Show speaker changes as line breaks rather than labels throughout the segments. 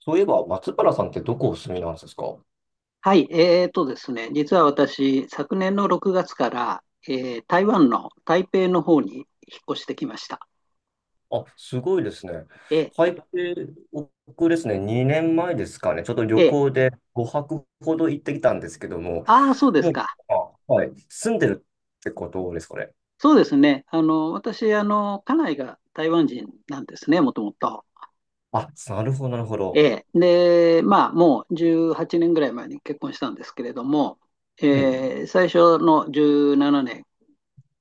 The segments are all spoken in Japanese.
そういえば、松原さんってどこお住みなんですか？
はい、えーとですね、実は私、昨年の6月から、台湾の台北の方に引っ越してきました。
あ、すごいですね。
え
台北、僕ですね、2年前ですかね、ちょっと旅
えええ
行で5泊ほど行ってきたんですけども、
ああー、そうです
もう、
か。
あ、はい、住んでるってことですかね。
そうですね。私、家内が台湾人なんですね、もともと。
あ、なるほど、なるほ
え
ど。
え。で、まあ、もう18年ぐらい前に結婚したんですけれども、
はい、
最初の17年、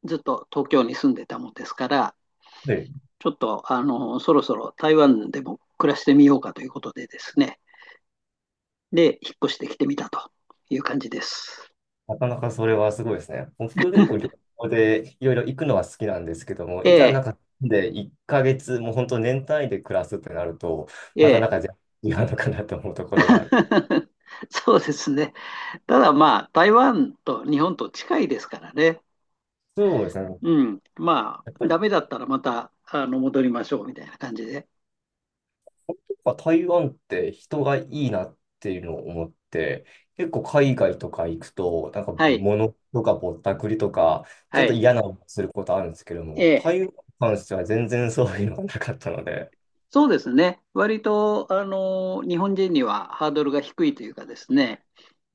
ずっと東京に住んでたもんですから、
はい。
ちょっと、そろそろ台湾でも暮らしてみようかということでですね、で、引っ越してきてみたという感じです。
なかなかそれはすごいですね。僕結構旅行でいろいろ行くのは好きなんですけども、
え
いざな
え、
んかで1ヶ月、もう本当年単位で暮らすってなると、
え
またな
え。
んか全然違うのかなと思うところがあるかな。
そうですね。ただまあ、台湾と日本と近いですからね。
そうですね。
うん。ま
やっ
あ、
ぱり
ダメだったらまた、戻りましょうみたいな感じで。
本当は台湾って人がいいなっていうのを思って、結構海外とか行くと、なんか
はい。
物とかぼったくりとか、ちょ
は
っと
い。
嫌な思いすることあるんですけども、
え
台湾
え。
に関しては全然そういうのがなかったので、
そうですね。割と、日本人にはハードルが低いというかですね。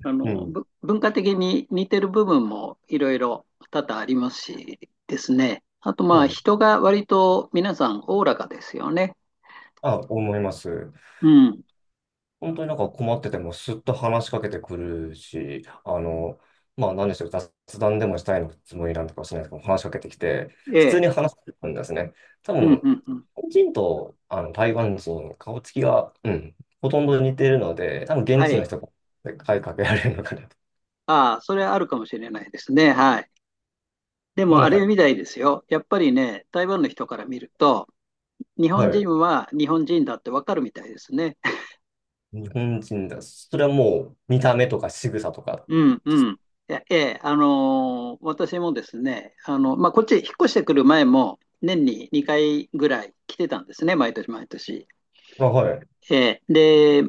あ
う
の、
ん。
ぶ文化的に似てる部分もいろいろ多々ありますしですね。あと、ま
そ
あ、
う
人が割と皆さんおおらかですよね。
あ、思います。
うん。
本当になんか困っててもすっと話しかけてくるし、まあ何でしょう、雑談でもしたいのつもりなんとかもしれないですけど、話しかけてきて、
え
普通に
え。
話してくるんですね。多
うん、
分、日
うん、うん。
本人とあの台湾人、顔つきが、うん、ほとんど似てるので、多分
は
現地の
い。
人が声かけられるのかなと。
ああ、それはあるかもしれないですね。はい。で
もう
も、
な
あ
ん
れ
か、
みたいですよ。やっぱりね、台湾の人から見ると、日
は
本人
い、
は日本人だってわかるみたいですね。
日本人だ。それはもう見た目とか仕草とか。
うんうん。私もですね、まあ、こっちへ引っ越してくる前も、年に2回ぐらい来てたんですね、毎年毎年。
まあ、はい、
ええ、で、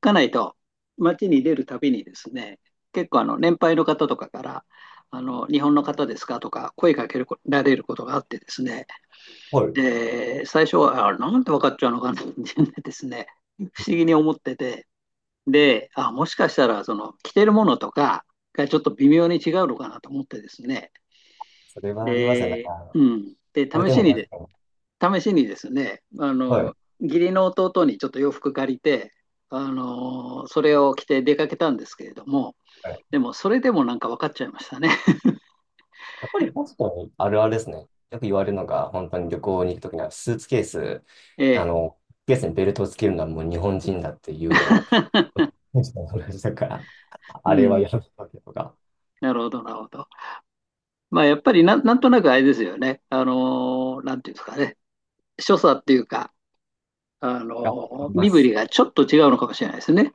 家内と街に出るたびにですね、結構年配の方とかから、日本の方ですかとか声かけられることがあってですね、
はい。
で、最初は、あ、なんて分かっちゃうのかなってですね、不思議に思ってて、で、あ、もしかしたら、その、着てるものとかがちょっと微妙に違うのかなと思ってですね。
それはありますね。なん
で、
か、
うん。で、
こう
試
でも
しに
確
で、
かに。
試しにですね、
はい。
義理の弟にちょっと洋服借りて、それを着て出かけたんですけれども、でも、それでもなんか分かっちゃいましたね。
やっぱりホストにあるあるですね。よく言われるのが、本当に旅行に行くときには、スーツケース、
え
あ
え。
の、ケースにベルトをつけるのはもう日本人だっていうのを、同じだから、
う
あれは
ん。
やめたけとか、
なるほど、なるほど。まあ、やっぱりなん、なんとなくあれですよね。なんていうんですかね。所作っていうか、
がありま
身振
す。
りがちょっと違うのかもしれないですね。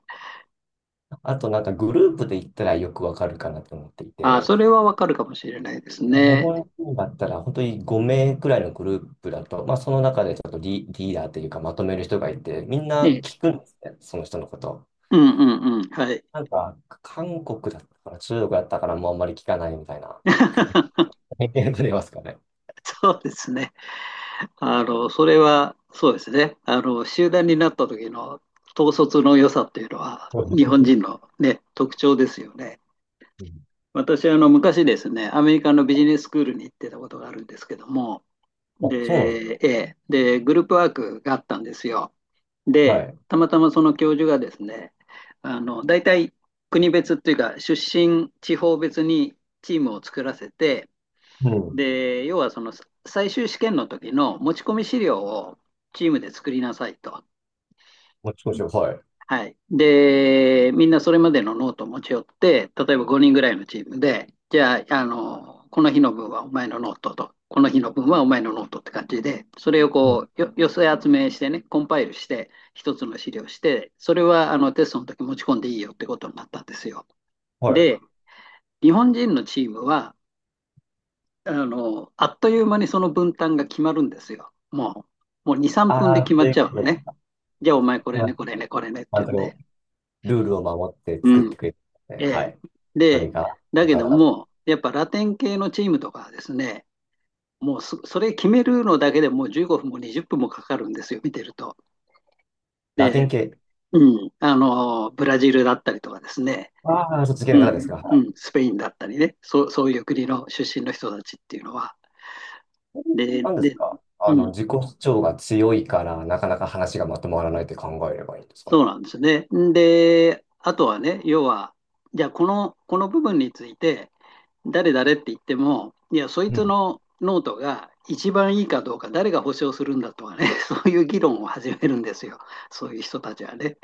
あと、なんかグループで行ったらよくわかるかなと思ってい
あ、
て、
それはわかるかもしれないです
日
ね。
本人だったら本当に5名くらいのグループだと、まあ、その中でちょっとリーダーというかまとめる人がいて、みん
え
な
え、
聞くんですね、その人のこと。
うんうんうん、はい。
なんか、韓国だったから、中国だったからもうあんまり聞かないみたいな。え、出れますかね。
そうですね。あの、それは、そうですね。集団になった時の統率の良さっていうのは、
そうで
日本
すね。
人のね、特徴ですよね。
うん。
私、昔ですね、アメリカのビジネススクールに行ってたことがあるんですけども、
あ、そうなんで
で、
す
ええで、グループワークがあったんですよ。
か。は
で、
い。
たまたまその教授がですね、大体国別っていうか、出身地方別にチームを作らせて、
うん。
で、要はその最終試験の時の持ち込み資料をチームで作りなさいと。
もちろん、はい。
はい。で、みんなそれまでのノートを持ち寄って、例えば5人ぐらいのチームで、じゃあ、この日の分はお前のノートと、この日の分はお前のノートって感じで、それを
うん、
こう、寄せ集めしてね、コンパイルして、一つの資料して、それはあのテストの時持ち込んでいいよってことになったんですよ。
はい。
で、日本人のチームは、あっという間にその分担が決まるんですよ。もう2、3分で
ああ、
決まっち
で、
ゃうのね。じゃあお前これ
ま
ね、
あ、
これね、これねっ
あ
ていうんで。
の、ルールを守って作っ
うん。
てくれて、ね、
え
は
え。
い。そ
で、
れが、
だ
なん
け
か、
ど
なんか
も、やっぱラテン系のチームとかはですね、もうそ、それ決めるのだけでもう15分も20分もかかるんですよ、見てると。
ラテン
で、
系。
うん、ブラジルだったりとかですね、
ああ、そっち系
う
の
ん、
方ですか。は
う
い。
ん、スペインだったりね、そう、そういう国の出身の人たちっていうのは。で、
なんです
で、
か。
うん、
自己主張が強いから、なかなか話がまとまらないって考えればいいんですかね。
そうなんですね。で、あとはね、要は、じゃあ、この部分について、誰誰って言っても、いや、そいつのノートが一番いいかどうか、誰が保証するんだとかね、そういう議論を始めるんですよ、そういう人たちはね。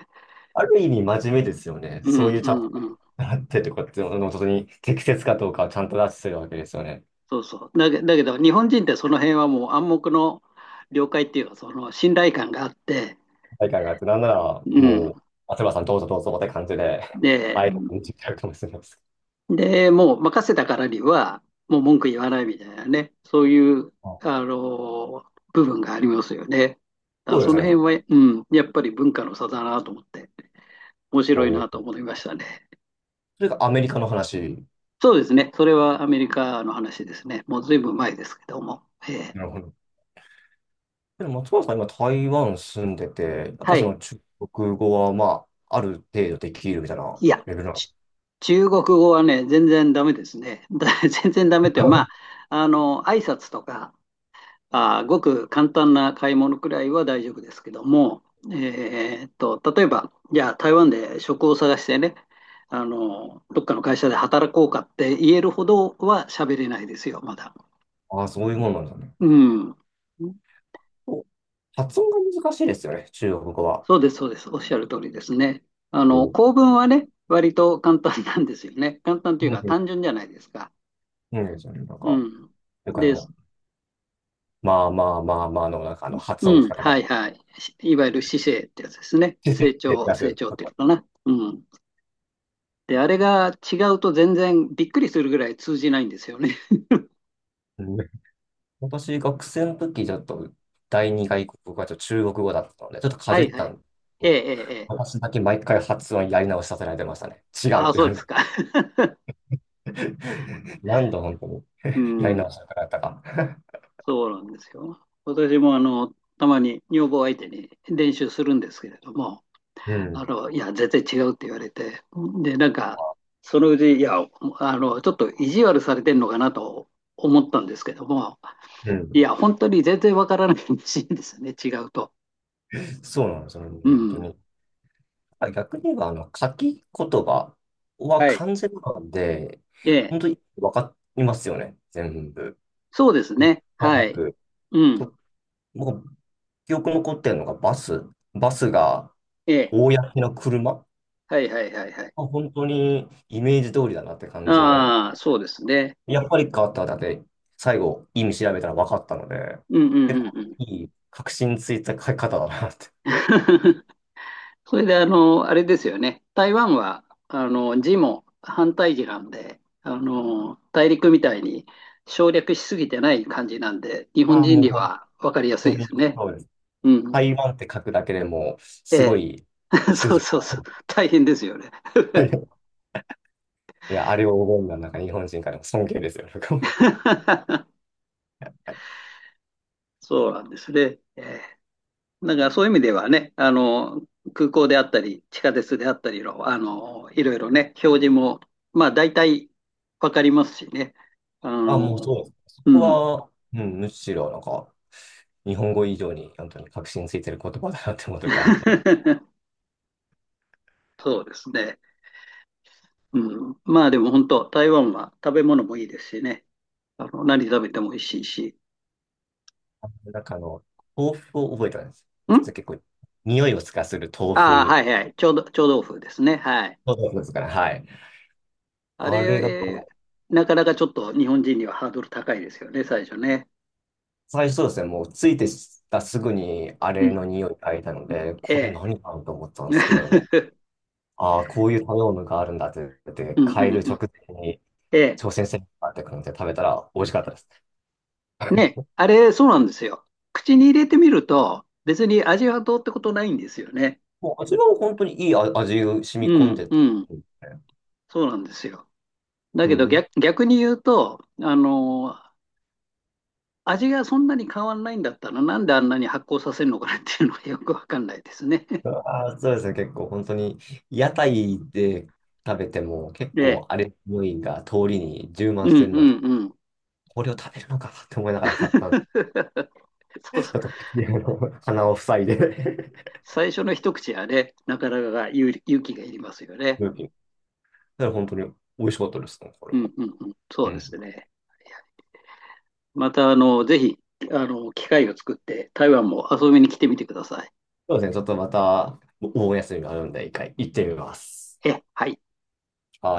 ある意味真面目ですよね。
う
そうい
ん
う
う
ちゃん
ん
と
うん、
習ってとかっていうのの本当に適切かどうかをちゃんと出してるわけですよね。
そうそう。だけど、日本人ってその辺はもう暗黙の了解っていうか、その信頼感があって、
大会があって、なんなら
うん、
もう、松原さんどうぞどうぞって感じで、
で、
あえて見てるかもしれないです。
で、もう任せたからには、もう文句言わないみたいなね、そういう
あ、
あの部分がありますよね。だか
そ
ら
うで
そ
す
の
ね、と
辺
か。
は、うん、やっぱり文化の差だなと思って。面白い
お
なと
そ
思いましたね。
れがアメリカの話。
そうですね。それはアメリカの話ですね。もうずいぶん前ですけども。えー、
なるほど。でも松原さん今台湾住んでて、やっぱ
は
そ
い。
の中国語はまあ、ある程度できるみたいな
いや、
レベルなの。
ち中国語はね、全然ダメですね。だ 全然ダメっていうのは、ま あ、挨拶とか、あー、ごく簡単な買い物くらいは大丈夫ですけども、例えば、じゃあ台湾で職を探してね、どっかの会社で働こうかって言えるほどは喋れないですよ、まだ。
ああ、そういうもんなんだね。
うん。
発音が難しいですよね、中国語は。
そうです、そうです。おっしゃる通りですね。
こ
構文はね、割と簡単なんですよね。簡単というか単
う、
純じゃないですか。
うん、
うん。
なんかあ
で
の、
す。
まあまあまあまあの、発音
う
の仕
ん、
方
は
が。
いはい。いわゆる姿勢ってやつですね。成長、
出
成
す。
長っていうのかな。うん。で、あれが違うと全然びっくりするぐらい通じないんですよね。
うん。私、学生の時、ちょっと、第二外国語がちょっと中国語だったので、ちょっと か
は
じ
い
っ
は
た
い。
んですけ
ええ、え
ど、
え、ええ。
私だけ毎回発音やり直しさせられてましたね。違う
あ
っ
あ、
て言
そう
われ
です
て。
か。
何度本当に
う
やり
ん、
直したかったか。
そうなんですよ。私もあの、たまに女房相手に練習するんですけれども、
うん、
いや、全然違うって言われて、で、なんか、そのうち、いや、ちょっと意地悪されてんのかなと思ったんですけども、
う
い
ん。
や、本当に全然わからないらしいんですよね、違うと。
そうなんですよね、
う
本当
ん。
に。あ、逆に言えば、書き言葉は
はい。
完全なんで、
ええ、
本当に分かりますよね、全部。
そうですね。
まも
は
な
い。
く、
うん。
と、僕、記憶残ってるのがバス。バスが、
ええ、
公の車。
はいはいはいはい。
あ、本当にイメージ通りだなって感じで。
ああ、そうですね。
やっぱり変わっただけ、最後、意味調べたら分かったので、
うんうん
結
うん
構
うん。
いい、確信ついた書き方だなって。
それで、あれですよね。台湾は、字も反対字なんで、大陸みたいに省略しすぎてない感じなんで、日本
ああ、
人
もう
に
本
は分かりやす
当
いで
に、
すね。
そうです。
うん。
台湾って書くだけでもすご
ええ。
い、
そう
羊
そうそう。
が。
大変ですよね。
はい。いや、あれを覚えるのは、なんか日本人からも尊敬ですよ。なんか、
そうなんですね。ええ。だからそういう意味ではね、空港であったり、地下鉄であったりの、いろいろね、表示も、まあ、大体分かりますしね。あ
あ、
の、
もうそうです。そ
う
こ
ん。
は、うん、むしろ、なんか、日本語以上に本当に確信ついてる言葉だなって思う時あるの。
そうですね。うん。まあでも本当、台湾は食べ物もいいですしね。何食べても美味しいし。
なんかあの、豆腐を覚えたんです。
ん、
結構、匂いをつかする豆
ああー、
腐。
はいはい。臭豆腐ですね。はい。
豆腐ですから、はい。
あれ、
あれが、
えーなかなかちょっと日本人にはハードル高いですよね、最初ね。
最初そうですね、もうついてたすぐにあ
う
れ
ん。
の匂いがいたので、これ
え
何かなと思った
え。
んですけども、ああ、こういう食べ物があるんだって言っ
うん
て、変え
うん
る
う
直
ん。
前に
ええ。
挑戦してみようかって感じで食べたら美味しかったです。
ね。あれ、そうなんですよ。口に入れてみると、別に味はどうってことないんですよね。
もう味は本当にいい味が染
う
み込ん
ん
でて、
うん。そうなんですよ。だ
う
けど
ん、
逆、逆に言うと、味がそんなに変わんないんだったら、なんであんなに発酵させるのかなっていうのはよくわかんないですね。
ああ、そうですね。結構本当に屋台で食べても結
え、
構あれ匂いが通りに充満
うん
し
うん
てるので、
うん。
これを食べるのかって思いながら 買ったんで、ち
そうそう。
ょっと口を鼻を塞いで、
最初の一口はね、なかなか勇気がいりますよね。
うん、だから本当に美味しかったですね、これ
う
は。
んうんうん。
う
そうです
ん。
ね。また、ぜひ、機会を作って、台湾も遊びに来てみてください。
そうですね。ちょっとまたお盆休みがあるんで、一回行ってみます。
え、はい。
はい。